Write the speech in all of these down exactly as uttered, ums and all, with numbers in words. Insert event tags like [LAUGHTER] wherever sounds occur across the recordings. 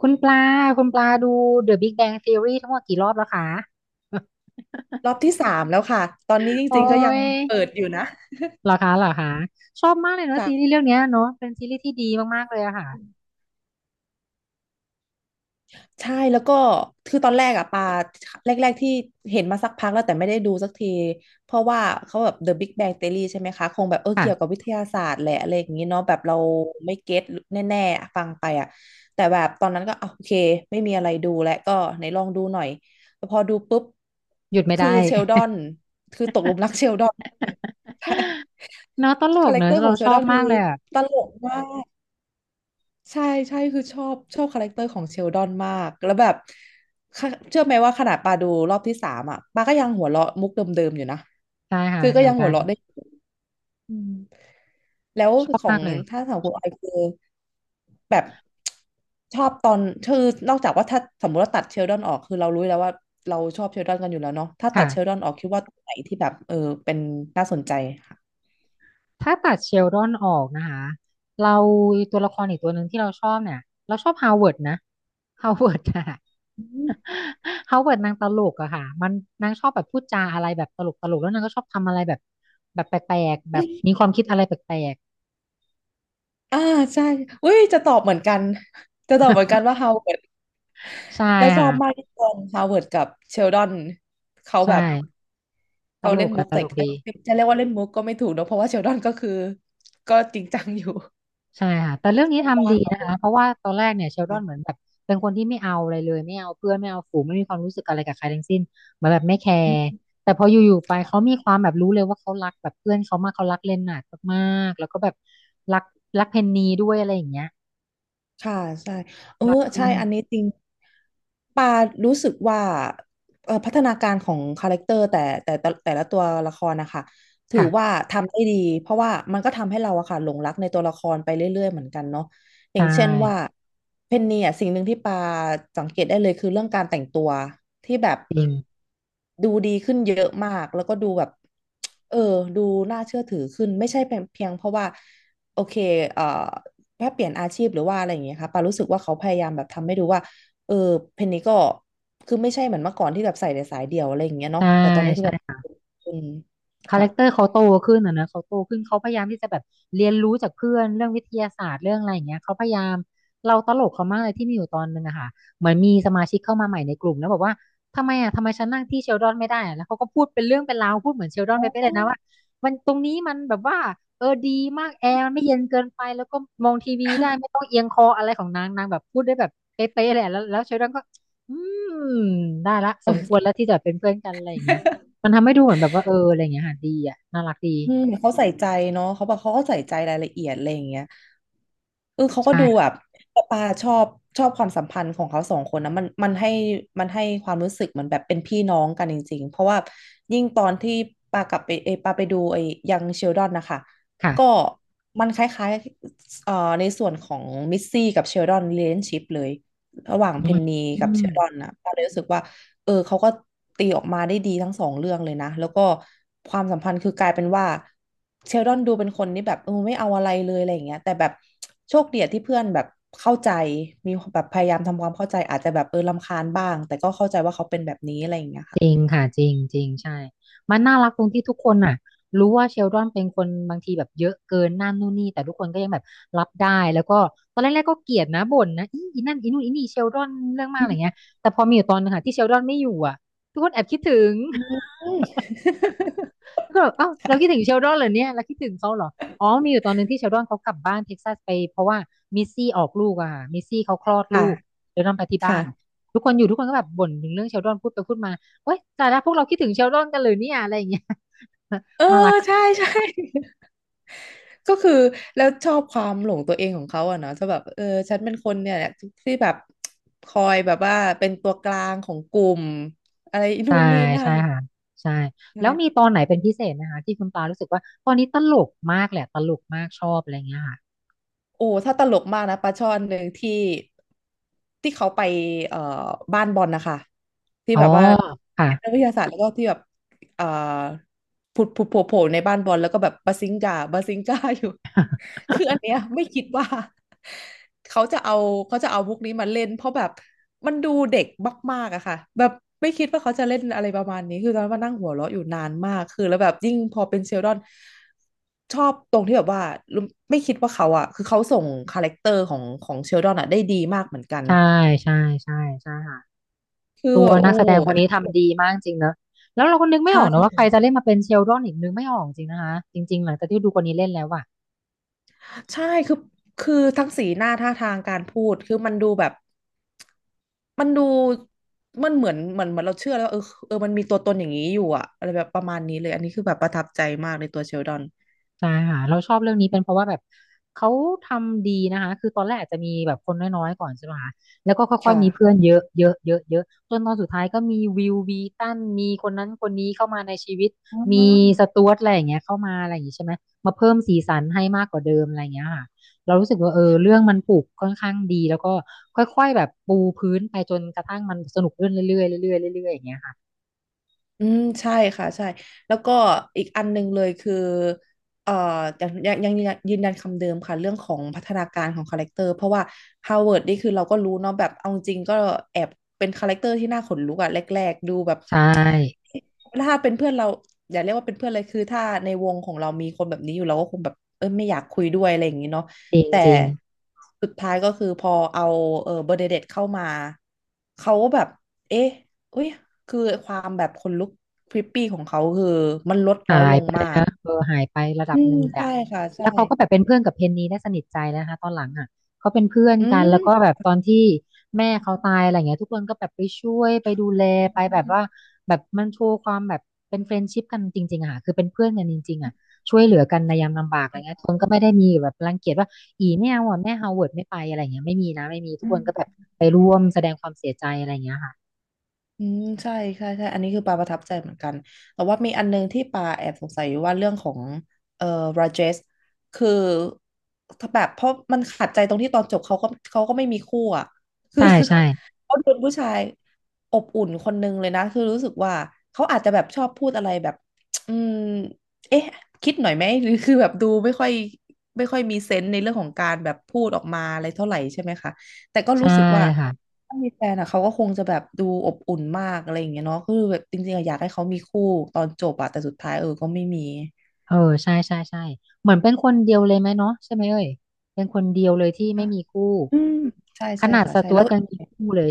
คุณปลาคุณปลาดู The Big Bang Theory ทั้งหมดกี่รอบแล้วคะ ร [LAUGHS] อบที่สามแล้วค่ะ ตอนนี้จโอ้ริงๆก็ยังยเปิดอยู่นะเหรอคะเหรอคะชอบมากเลยเนาะซีรีส์จ้ะเรื่องเนี้ยเนาะเป็นซีรีส์ที่ดีมากๆเลยอะค่ะใช่แล้วก็คือตอนแรกอะปาแรกๆที่เห็นมาสักพักแล้วแต่ไม่ได้ดูสักทีเพราะว่าเขาแบบ The Big Bang Theory ใช่ไหมคะคงแบบเออเกี่ยวกับค่ะวิทยาศาสตร์แหละอะไรอย่างนี้เนาะแบบเราไม่เก็ตแน่ๆอะฟังไปอะแต่แบบตอนนั้นก็อ่ะโอเคไม่มีอะไรดูแล้วก็ไหนลองดูหน่อยแต่พอดูปุ๊บหยุดไม่คือได้ เชลดอ [LAUGHS] นคือตกหลุมรักเชลดอน [LAUGHS] ใช่เนาะตลคากแรเนคอะเตอร์ขอเรางเชชลอดอบนคืมาอกเลยอะตลกมาก ใช่ใช่คือชอบชอบคาแรคเตอร์ของเชลดอนมากแล้วแบบค่ะเชื่อไหมว่าขนาดปาดูรอบที่สามอ่ะปาก็ยังหัวเราะมุกเดิมๆอยู่นะใช่ค่ะคือก็เหมือยันงหักัวนเราะได้อยู่อืมแล้วชอบขอมางกเลยถ้าสาวคุณออยคือแบบชอบตอนคือนอกจากว่าถ้าสมมติว่าตัดเชลดอนออกคือเรารู้แล้วว่าเราชอบเชลดอนกันอยู่แล้วเนาะถ้าตัดเชลค่ะ ดอนออกคิดว่าตรงไหนที่แบบเออเป็นน่าสนใจค่ะถ้าตัดเชลดอนออกนะคะเราตัวละครอีกตัวหนึ่งที่เราชอบเนี่ยเราชอบฮาวเวิร์ดนะฮาวเวิร์ดอะ อืม [LAUGHS] ฮาวเวิร์ดนางตลกอะค่ะมันนางชอบแบบพูดจาอะไรแบบตลกตลกแล้วนางก็ชอบทำอะไรแบบแบบแปลกๆแบบมีความคิดอะไรแปลกอ่าใช่อุ้ยจะตอบเหมือนกันจะตอบเหมือนกันว่าเฮาเหมือน ๆใช่แล้วชอบมากค่ะที่ตอนฮาวเวิร์ดกับเชลดอนเขาใช่แบบตเขาลเล่นกมุอะกตแต่ลกเอ้ดี ยจะเรียกว่าเล่นมุกก็ไม่ถูกเนอะเพราะว่าเชลดอนก็คือก็จริงจังอยู่ ใช่ค่ะแต่เรื่อง [LAUGHS] นี้ชอบทำมาดีกค่ะนะผคะเพราะว่าตอนแรกเนี่ยเชลดอนเหมือนแบบเป็นคนที่ไม่เอาอะไรเลยไม่เอาเพื่อนไม่เอาฝูงไม่มีความรู้สึกอะไรกับใครทั้งสิ้นเหมือนแบบไม่แคร์ม แต่พออยู่ๆไปเขามีความแบบรู้เลยว่าเขารักแบบเพื่อนเขามากเขารักเลนนาร์ดมากๆแล้วก็แบบรักรักเพนนีด้วยอะไรอย่างเงี้ยค่ะใช่เออรักเพื่ใช่อนอันนี้จริงปารู้สึกว่าเอ่อพัฒนาการของคาแรคเตอร์แต่แต่แต่แต่ละตัวละครนะคะถือว่าค่ะทำได้ดีเพราะว่ามันก็ทำให้เราอะค่ะหลงรักในตัวละครไปเรื่อยๆเหมือนกันเนาะอใช่ย่างเช่นว่าเพนนีอะสิ่งหนึ่งที่ปาสังเกตได้เลยคือเรื่องการแต่งตัวที่แบบจริงดูดีขึ้นเยอะมากแล้วก็ดูแบบเออดูน่าเชื่อถือขึ้นไม่ใช่เพียงเพราะว่าโอเคเอ่อ ถ้าเปลี่ยนอาชีพหรือว่าอะไรอย่างเงี้ยค่ะปารู้สึกว่าเขาพยายามแบบทำให้ดูว่าเออเพนนี้ก็คือไม่ใช่เหมือนเมื่อก่อนที่แบบใส่แต่สายเดียวอะไรอย่างเงี้ยเนาะใช่แต่ตอนนี้คือแบบใช่ อืมคาแรค่ะคเตอร์เขาโตขึ้นอ่ะนะเขาโตขึ้นเขาพยายามที่จะแบบเรียนรู้จากเพื่อนเรื่องวิทยาศาสตร์เรื่องอะไรอย่างเงี้ยเขาพยายามเราตลกเขามากเลยที่มีอยู่ตอนนึงอะค่ะเหมือนมีสมาชิกเข้ามาใหม่ในกลุ่มแล้วบอกว่าทำไมอ่ะทำไมฉันนั่งที่เชลดอนไม่ได้อะแล้วเขาก็พูดเป็นเรื่องเป็นราวพูดเหมือนเชลดอนอ๋ไปไปเลอ ยนะว่ามันตรงนี้มันแบบว่าเออดีมากแอร์มันไม่เย็นเกินไปแล้วก็มองทีวีได้ไม่ต้องเอียงคออะไรของนางนางแบบพูดได้แบบเป๊ะๆเลยอะแล้วแล้วเชลดอนก็อืมได้ละสมควรแล้วที่จะเป็นเพื่อนกันอะไรอย่างเงี้ย มันทำให้ดูเหมือนแบบว่าเอออะไรอย่างเงี้ยค่ะดีอ่ะน่ารักดีอืมเขาใส่ใจเนาะเขาบอกเขาก็ใส่ใจรายละเอียดอะไรอย่างเงี้ยเออเขาก็ดูแบใช่บปาชอบชอบความสัมพันธ์ของเขาสองคนนะมันมันให้มันให้ความรู้สึกเหมือนแบบเป็นพี่น้องกันจริงๆ เพราะว่ายิ่งตอนที่ปากลับไปเอยปาไปดูไอ้ยังเชลดอนนะคะค่ะก็มันคล้ายๆเอ่อในส่วนของมิสซี่กับเชลดอน relationship เลยระหว่างอืเพมนนีอืกับเชมลดอนนะปาเลยรู้สึกว่า เออเขาก็ตีออกมาได้ดีทั้งสองเรื่องเลยนะแล้วก็ความสัมพันธ์คือกลายเป็นว่าเชลดอนดูเป็นคนนี่แบบเออไม่เอาอะไรเลยอะไรอย่างเงี้ยแต่แบบโชคดีอะที่เพื่อนแบบเข้าใจมีแบบพยายามทำความเข้าใจอาจจะแบบเออรำคาญบ้างแต่ก็เข้าใจว่าเขาเป็นแบบนี้อะไรอย่างเงี้ยจค่ะริงค่ะจริงจริงใช่ มันน่ารักตรงที่ทุกคนน่ะรู้ว่าเชลดอนเป็นคนบางทีแบบเยอะเกินนั่นนู่นนี่แต่ทุกคนก็ยังแบบรับได้แล้วก็ตอนแรกๆก็เกลียดนะบ่นนะอีอีนั่นอีนู่นอีนี่เชลดอนเรื่องมากอะไรเงี้อืยแต่พอมีอยู่ตอนนึงค่ะที่เชลดอนไม่อยู่อ่ะทุกคนแอบคิดถึง ม แล้วก็แบบเอ้าเราคิดถึงเชลดอนเหรอเนี่ยเราคิดถึงเขาเหรออ๋อมีอยู่ตอนหนึงที่เชลดอนเขากลับบ้านเท็กซัสไปเพราะว่ามิสซี่ออกลูกอะค่ะมิสซี่เขาคลอด [LAUGHS] ลูกค่ะเชลดอนไปที่บ้าค่ะนทุกคนอยู่ทุกคนก็แบบบ่นถึงเรื่องเชลดอนพูดไปพูดมาเว้ยแต่ละพวกเราคิดถึงเชลดอนกันเลยเนี่ยอะไรอย่างเงี้ย เออ [LAUGHS] น่ารักใช่ใช่ ก็คือแล้วชอบความหลงตัวเองของเขาอะเนาะจะแบบเออฉันเป็นคนเนี่ยแหละที่แบบคอยแบบว่าเป็นตัวกลางของกลุ่มอะไรนู่ใช่นนี่นั่ใช่นค่ะใช่ใช่แล้วมีตอนไหนเป็นพิเศษนะคะที่คุณปารู้สึกว่าตอนนี้ตลกมากแหละตลกมากชอบอะไรอย่างเงี้ยค่ะโอ้ถ้าตลกมากนะปลาช่อนหนึ่งที่ที่เขาไปเอ่อบ้านบอลนะคะที่อ๋อแบบว่านัค่ะกวิทยาศาสตร์แล้วก็ที่แบบ เอ่อผุดผุดโผล่โผล่ในบ้านบอลแล้วก็แบบบาซิงกาบาซิงกา [LAUGHS] อยู่ [LAUGHS] คืออันเนี้ยไม่คิดว่าเขาจะเอาเขาจะเอาพวกนี้มาเล่นเพราะแบบมันดูเด็กมากๆอะค่ะแบบไม่คิดว่าเขาจะเล่นอะไรประมาณนี้คือตอนนั้นมานั่งหัวเราะอยู่นานมากคือแล้วแบบยิ่งพอเป็นเชลดอนชอบตรงที่แบบว่ารู้ไม่คิดว่าเขาอะคือเขาส่งคาแรคเตอร์ของของเชลดอนอะได้ดีมากเหมือนกันใช่ใช่ใช่ใช่ค่ะ คือตัแบวบนัโอ้กแสดงคนนี้ทำดีมากจริงเนอะแล้วเราก็นึกใชไม่ออกนะว่าใคร่ จะเล่นมาเป็นเชลดอนอีกนึกไม่ออกจริงนะคะจริงๆหลังจากที่ดูคนนี้เล่นแล้วอะ ใช่คือคือทั้งสีหน้าท่าทางการพูดคือมันดูแบบมันดูมันเหมือนเหมือนเหมือนเราเชื่อแล้วว่าเออเออมันมีตัวตนอย่างนี้อยู่อะอะไรแบบประมาณนี้เลยอันนี้คือแบบประทับใจมากในตัวเชลดอนใช่ค่ะเราชอบเรื่องนี้เป็นเพราะว่าแบบเขาทำดีนะคะคือตอนแรกอาจจะมีแบบคนน้อยๆก่อนใช่ไหมคะแล้วก็ค่อยๆมีเพื่อค่ะนเยอะเยอะเยอะเยอะจนตอนสุดท้ายก็มีวิววีตันมีคนนั้นคนนี้เข้ามาในชีวิตอ๋มีสอ จ๊วตดอะไรอย่างเงี้ยเข้ามาอะไรอย่างงี้ใช่ไหมมาเพิ่มสีสันให้มากกว่าเดิมอะไรอย่างเงี้ยค่ะเรารู้สึกว่าเออเรื่องมันปลูกค่อนข้างดีแล้วก็ค่อยๆแบบปูพื้นไปจนกระทั่งมันสนุกขึ้นเรื่อยๆเรื่อยๆเรื่อยๆอย่างเงี้ยค่ะอืมใช่ค่ะใช่แล้วก็อีกอันหนึงเลยคือเอ่อยังยังยังยงยืนยันคำเดิมค่ะเรื่องของพัฒนาการของคาแรคเตอร์เพราะว่าฮาวเวิร์ดนี่คือเราก็รู้เนาะแบบเอาจริงก็แอบเป็นคาแรคเตอร์ที่น่าขนลุกอะแรกๆดูแบบใช่ถ้าเป็นเพื่อนเราอย่าเรียกว่าเป็นเพื่อนเลยคือถ้าในวงของเรามีคนแบบนี้อยู่เราก็คงแบบเออไม่อยากคุยด้วยอะไรอย่างนี้เนาะจริงแต่จริง สุดท้ายก็คือพอเอาเออเบอร์เดเดตเข้ามาเขาก็แบบเอ๊ะ อุ้ยคือความแบบขนลุกพริปปี้ของเขาคือมันลดน้อยหาลยงไปเลมายกนะเออหายไประดัอืบหมนึ่งเลยใช่อะค่ะใช่แล้วเขาก็แบบเป็นเพื่อนกับเพนนีได้สนิทใจนะคะตอนหลังอ่ะเขาเป็นเพื่อนอืกันแล้วก็แบบตอนที่แม่เขาตายอะไรเงี้ยทุกคนก็แบบไปช่วยไปดูแลไปแบบว่าแบบมันโชว์ความแบบเป็นเฟรนด์ชิพกันจริงๆอะค่ะคือเป็นเพื่อนกันจริงๆอ่ะช่วยเหลือกันในยามลำบากอะไรเงี้ยทุกคนก็ไม่ได้มีแบบรังเกียจว่าอีไม่เอาอะแม่ฮาวเวิร์ดไม่ไปอะไรเงี้ยไม่มีนะไม่มีทุกคนก็แบบม ไปร่วมแสดงความเสียใจอะไรเงี้ยค่ะอืมใช่ใช่ใช่อันนี้คือปาประทับใจเหมือนกันแต่ว่ามีอันนึงที่ปาแอบสงสัยอยู่ว่าเรื่องของเอ่อราเจสคือถ้าแบบเพราะมันขัดใจตรงที่ตอนจบเขาก็เขาก็ไม่มีคู่อ่ะคือ ใช่ใช่ [LAUGHS] เขาเป็นผู้ชายอบอุ่นคนนึงเลยนะคือรู้สึกว่าเขาอาจจะแบบชอบพูดอะไรแบบอืมเอ๊ะคิดหน่อยไหมหรือคือแบบดูไม่ค่อยไม่ค่อยมีเซนส์ในเรื่องของการแบบพูดออกมาอะไรเท่าไหร่ใช่ไหมคะแต่ก็ใช่รู้สึกว่า ค่ะ ถ้ามีแฟนอ่ะเขาก็คงจะแบบดูอบอุ่นมากอะไรอย่างเงี้ยเนาะคือแบบจริงๆอะอยากให้เขามีคู่ตอนจบอะแต่สุดท้ายเออก็ไม่มีเออใช่ใช่ใช่เหมือนเป็นคนเดียวเลยไหมเนาะใช่ไหมเอ่ยเป็นคนเดียวเลยที่ไม่มีคู่อืมใช่ขใช่นาดค่ะสใช่จ๊วแล้ตว ยังมีคู่เลย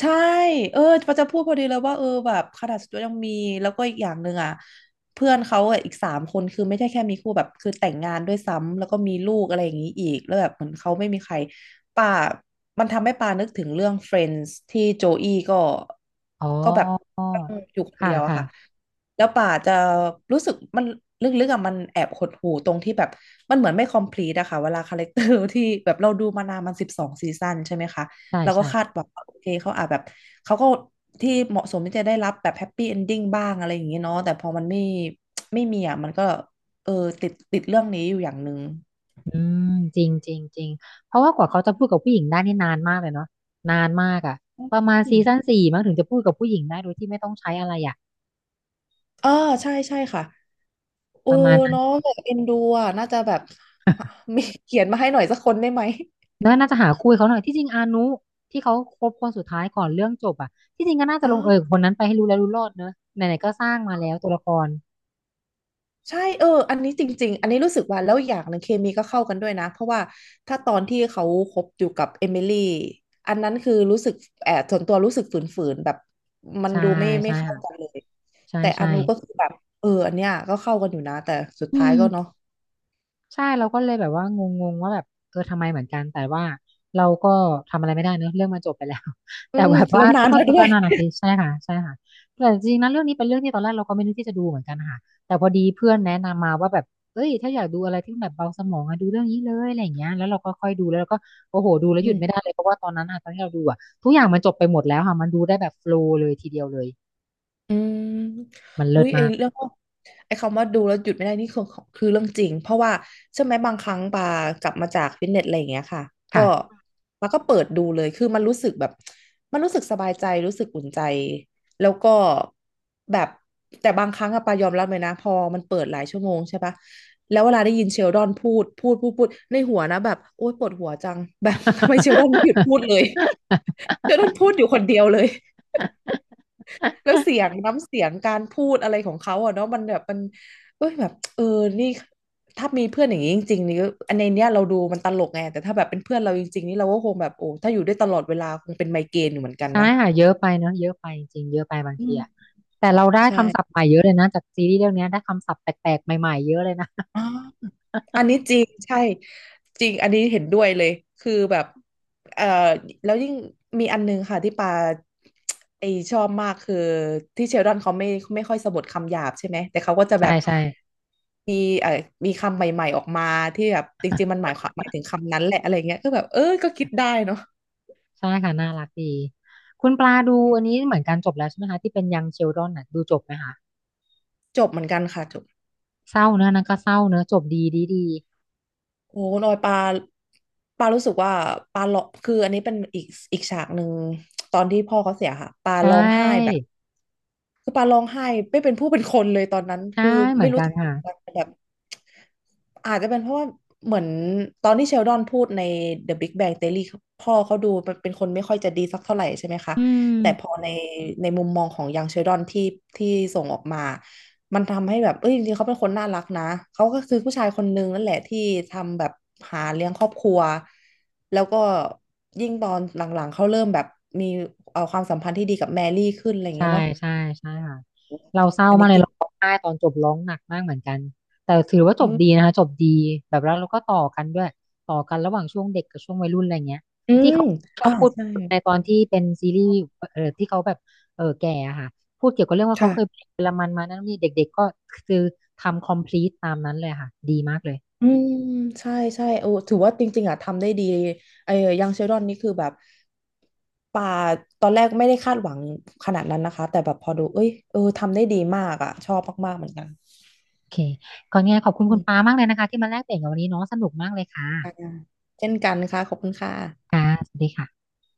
ใช่ เออปาจะพูดพอดีเลยว่าเออแบบขนาดาสตูยังมีแล้วก็อีกอย่างหนึ่งอ่ะเพื่อนเขาอะอีกสามคนคือไม่ใช่แค่มีคู่แบบคือแต่งงานด้วยซ้ำแล้วก็มีลูกอะไรอย่างนี้อีกแล้วแบบเหมือนเขาไม่มีใครป่ามันทำให้ป่านึกถึงเรื่อง เฟรนด์ ที่โจอี้ก็อ๋อก็แบบอยู่คนค่ะเดียวอะค่ะค่ะแล้วป่าจะรู้สึกมันลึกๆอ่ะมันแอบหดหู่ตรงที่แบบมันเหมือนไม่ คอมพลีท อะค่ะเวลาคาแรคเตอร์ที่แบบเราดูมานานมันสิบสองซีซั่นใช่ไหมคะ ใช่เราก็ใช่คาดหวังว่าโอเคเขาอาจแบบเขาก็ที่เหมาะสมที่จะได้รับแบบแฮปปี้เอนดิ้งบ้างอะไรอย่างเงี้ยเนาะแต่พอมันไม่ไม่มีอ่ะมันก็เออติดติดเรื่องนี้อยู่อย่างหนึ่งอืมจริงจริงจริงเพราะว่ากว่าเขาจะพูดกับผู้หญิงได้นี่นานมากเลยเนาะนานมากอ่ะอประมาณืซีมซั่นสี่มั้งถึงจะพูดกับผู้หญิงได้โดยที่ไม่ต้องใช้อะไรอ่ะอ่าใช่ใช่ค่ะโอ้ประมาณนั้นเนาะแบบเอ็นดูอ่ะน่าจะแบบ [LAUGHS] มีเขียนมาให้หน่อยสักคนได้ไหมแล้วน่าจะหาคู่ให้เขาหน่อยที่จริงอานุที่เขาคบคนสุดท้ายก่อนเรื่องจบอ่ะที่จริงก็น่าจะลงเอยกับอ่า คนนั้นไปให้รู้แล้วรู้รอดเนอะไหนๆก็สร้างมาแล้วตัวละคร ใช่เอออันนี้จริงๆอันนี้รู้สึกว่าแล้วอย่างหนึงเคมีก็เข้ากันด้วยนะเพราะว่าถ้าตอนที่เขาคบอยู่กับเอมิลี่อันนั้นคือรู้สึกแอบส่วนตัวรู้สึกฝืนๆแบบมันใช่ดูไม่ไม่ใช่เข้าค่ะกันเลยใช่แต่อใช่นุก็คือแบบเอออันเนี้ยก็เข้ากันอยู่นะแต่สุดอืท้ายก็เนาะมใช่เราก็เลยแบบว่างงงว่าแบบเออทำไมเหมือนกันแต่ว่าเราก็ทำอะไรไม่ได้เนอะเรื่องมันจบไปแล้ว [LAUGHS] อืแต่มแบบแล้ว่าวนานก็แล้วด้วก็ยนาหนักทีใช่ค่ะใช่ค่ะแต่จริงๆนะเรื่องนี้เป็นเรื่องที่ตอนแรกเราก็ไม่นึกที่จะดูเหมือนกันนะค่ะแต่พอดีเพื่อนแนะนำมาว่าแบบเอ้ยถ้าอยากดูอะไรที่มันแบบเบาสมองอะดูเรื่องนี้เลยอะไรอย่างเงี้ยแล้วเราก็ค่อยดูแล้วเราก็โอ้โหดูแล้วหอืยุดไม่ได้ม เลยเพราะว่าตอนนั้นอะตอนที่เราดูอะทุกอย่างมันจบไปหมดแล้วค่ะมันดูได้แบบโฟลว์เลยทีเดียวเลยอืมมันเลิอุ้ศยไอมากเรื่องไอคำว่าดูแล้วหยุดไม่ได้นี่คือของคือเรื่องจริง เพราะว่าใช่อไหมบางครั้งปากลับมาจากฟิตเนสอะไรอย่างเงี้ยค่ะก็ค่ะ ปาก็เปิดดูเลยคือมันรู้สึกแบบมันรู้สึกสบายใจรู้สึกอุ่นใจแล้วก็แบบแต่บางครั้งอะปายอมรับเลยนะพอมันเปิดหลายชั่วโมงใช่ปะแล้วเวลาได้ยินเชลดอนพูดพูดพูดพูดในหัวนะแบบโอ๊ยปวดหัวจังแบบ [LAUGHS] ทำไมเชลดอนไม่หยุดพูดเลยเชลดอนพูดอยู่คนเดียวเลย แล้วเสียงน้ำเสียงการพูดอะไรของเขาอะเนาะมันแบบมันเอ้ยแบบเออนี่ถ้ามีเพื่อนอย่างนี้จริงๆนี่ก็อันในเนี้ยเราดูมันตลกไงแต่ถ้าแบบเป็นเพื่อนเราจริงๆนี่เราก็คงแบบโอ้ถ้าอยู่ได้วยตลอดเวลาคงเป็นไมเกรนอยู่เหมือนกันใช่นะค่ะเยอะไปเนาะเยอะไปจริงเยอะไปบางอืทีอะมแต่เราได้คำศัพท์ใช่ใหม่เยอะเลยนะจากซีรีส์เรื่องเนี้ยได้คำศัพท์แปลกๆใหม่ๆเยอะเลยนะอ๋อ อันนี้จริงใช่จริงอันนี้เห็นด้วยเลยคือแบบเอ่อแล้วยิ่งมีอันนึงค่ะที่ปาไอชอบมากคือที่เชลดอนเขาไม่ไม่ค่อยสะบัดคำหยาบใช่ไหมแต่เขาก็จะแบใช่บใช่มีเอ่อมีคำใหม่ๆออกมาที่แบบจริงๆมันหมายความหมายถึงคำนั้นแหละอะไรเงี้ยก็แบบเออก็คิดได้เนาะใช่ค่ะน่ารักดีคุณปลาดูอันนี้เหมือนกันจบแล้วใช่ไหมคะที่เป็นยังเชลดอนน่ะดูจบไหมคะจบเหมือนกันค่ะจบเศร้าเนอะนั่นก็เศร้าเนอะจบดีดีดีโอ้ลอยปลาปลารู้สึกว่าปลาหลอกคืออันนี้เป็นอีกอีกฉากหนึ่งตอนที่พ่อเขาเสียค่ะปลาใชร้องไห้แบบ ่คือปาร้องไห้ไม่เป็นผู้เป็นคนเลยตอนนั้นใช่คือเหมืไม่อนรู้กันทำไมค่ะเหมอนกันแต่แบบอาจจะเป็นเพราะว่าเหมือนตอนที่เชลดอนพูดใน เดอะ บิ๊ก แบง ทีโอรี พ่อเขาดูเป็นคนไม่ค่อยจะดีสักเท่าไหร่ใช่ไหมคะอืแต่พอม ในในมุมมองของยังเชลดอนที่ที่ส่งออกมามันทำให้แบบเอ้ยจริงๆเขาเป็นคนน่ารักนะเขาก็คือผู้ชายคนนึงนั่นแหละที่ทำแบบหาเลี้ยงครอบครัวแล้วก็ยิ่งตอนหลังๆเขาเริ่มแบบมีเอาความสัมพันธ์ที่ดีกับแมรี่ขึ้นอะไรอย่างใช่เงี้ยเนาะ ใช่ใช่ค่ะเราเศร้าอันมานี้กเลยกินเราร้องไห้ตอนจบร้องหนักมากเหมือนกันแต่ถือว่าจอืบมดีนะคะจบดีแบบแล้วเราก็ต่อกันด้วยต่อกันระหว่างช่วงเด็กกับช่วงวัยรุ่นอะไรเงี้ยอืที่มเขาชออ่าบพูดใช่ในตอนที่เป็นซีรีส์เออที่เขาแบบเออแก่อะค่ะพูดเกี่ยวกับเรื่องว่าเขาเคยเป็ค่ะนเยอรมันมานั่นนี่เด็กๆก็คือทำ complete ตามนั้นเลยค่ะดีมากเลยอืมใช่ใช่โอ้ถือว่าจริงๆอ่ะทำได้ดีไอ้ยังเชลดอนนี่คือแบบป่าตอนแรกไม่ได้คาดหวังขนาดนั้นนะคะแต่แบบพอดูเอ้ยเออทำได้ดีมากอ่ะชอบมากๆเหมือนกันโอเคก่อนไงขอบคุณอืคุณปามมากเลยนะคะที่มาแลกเปลี่ยนกันวันนี้เนาะสนุกมากเลยค่ะค่ะเช่นกันค่ะขอบคุณค่ะค่ะสวัสดีค่ะ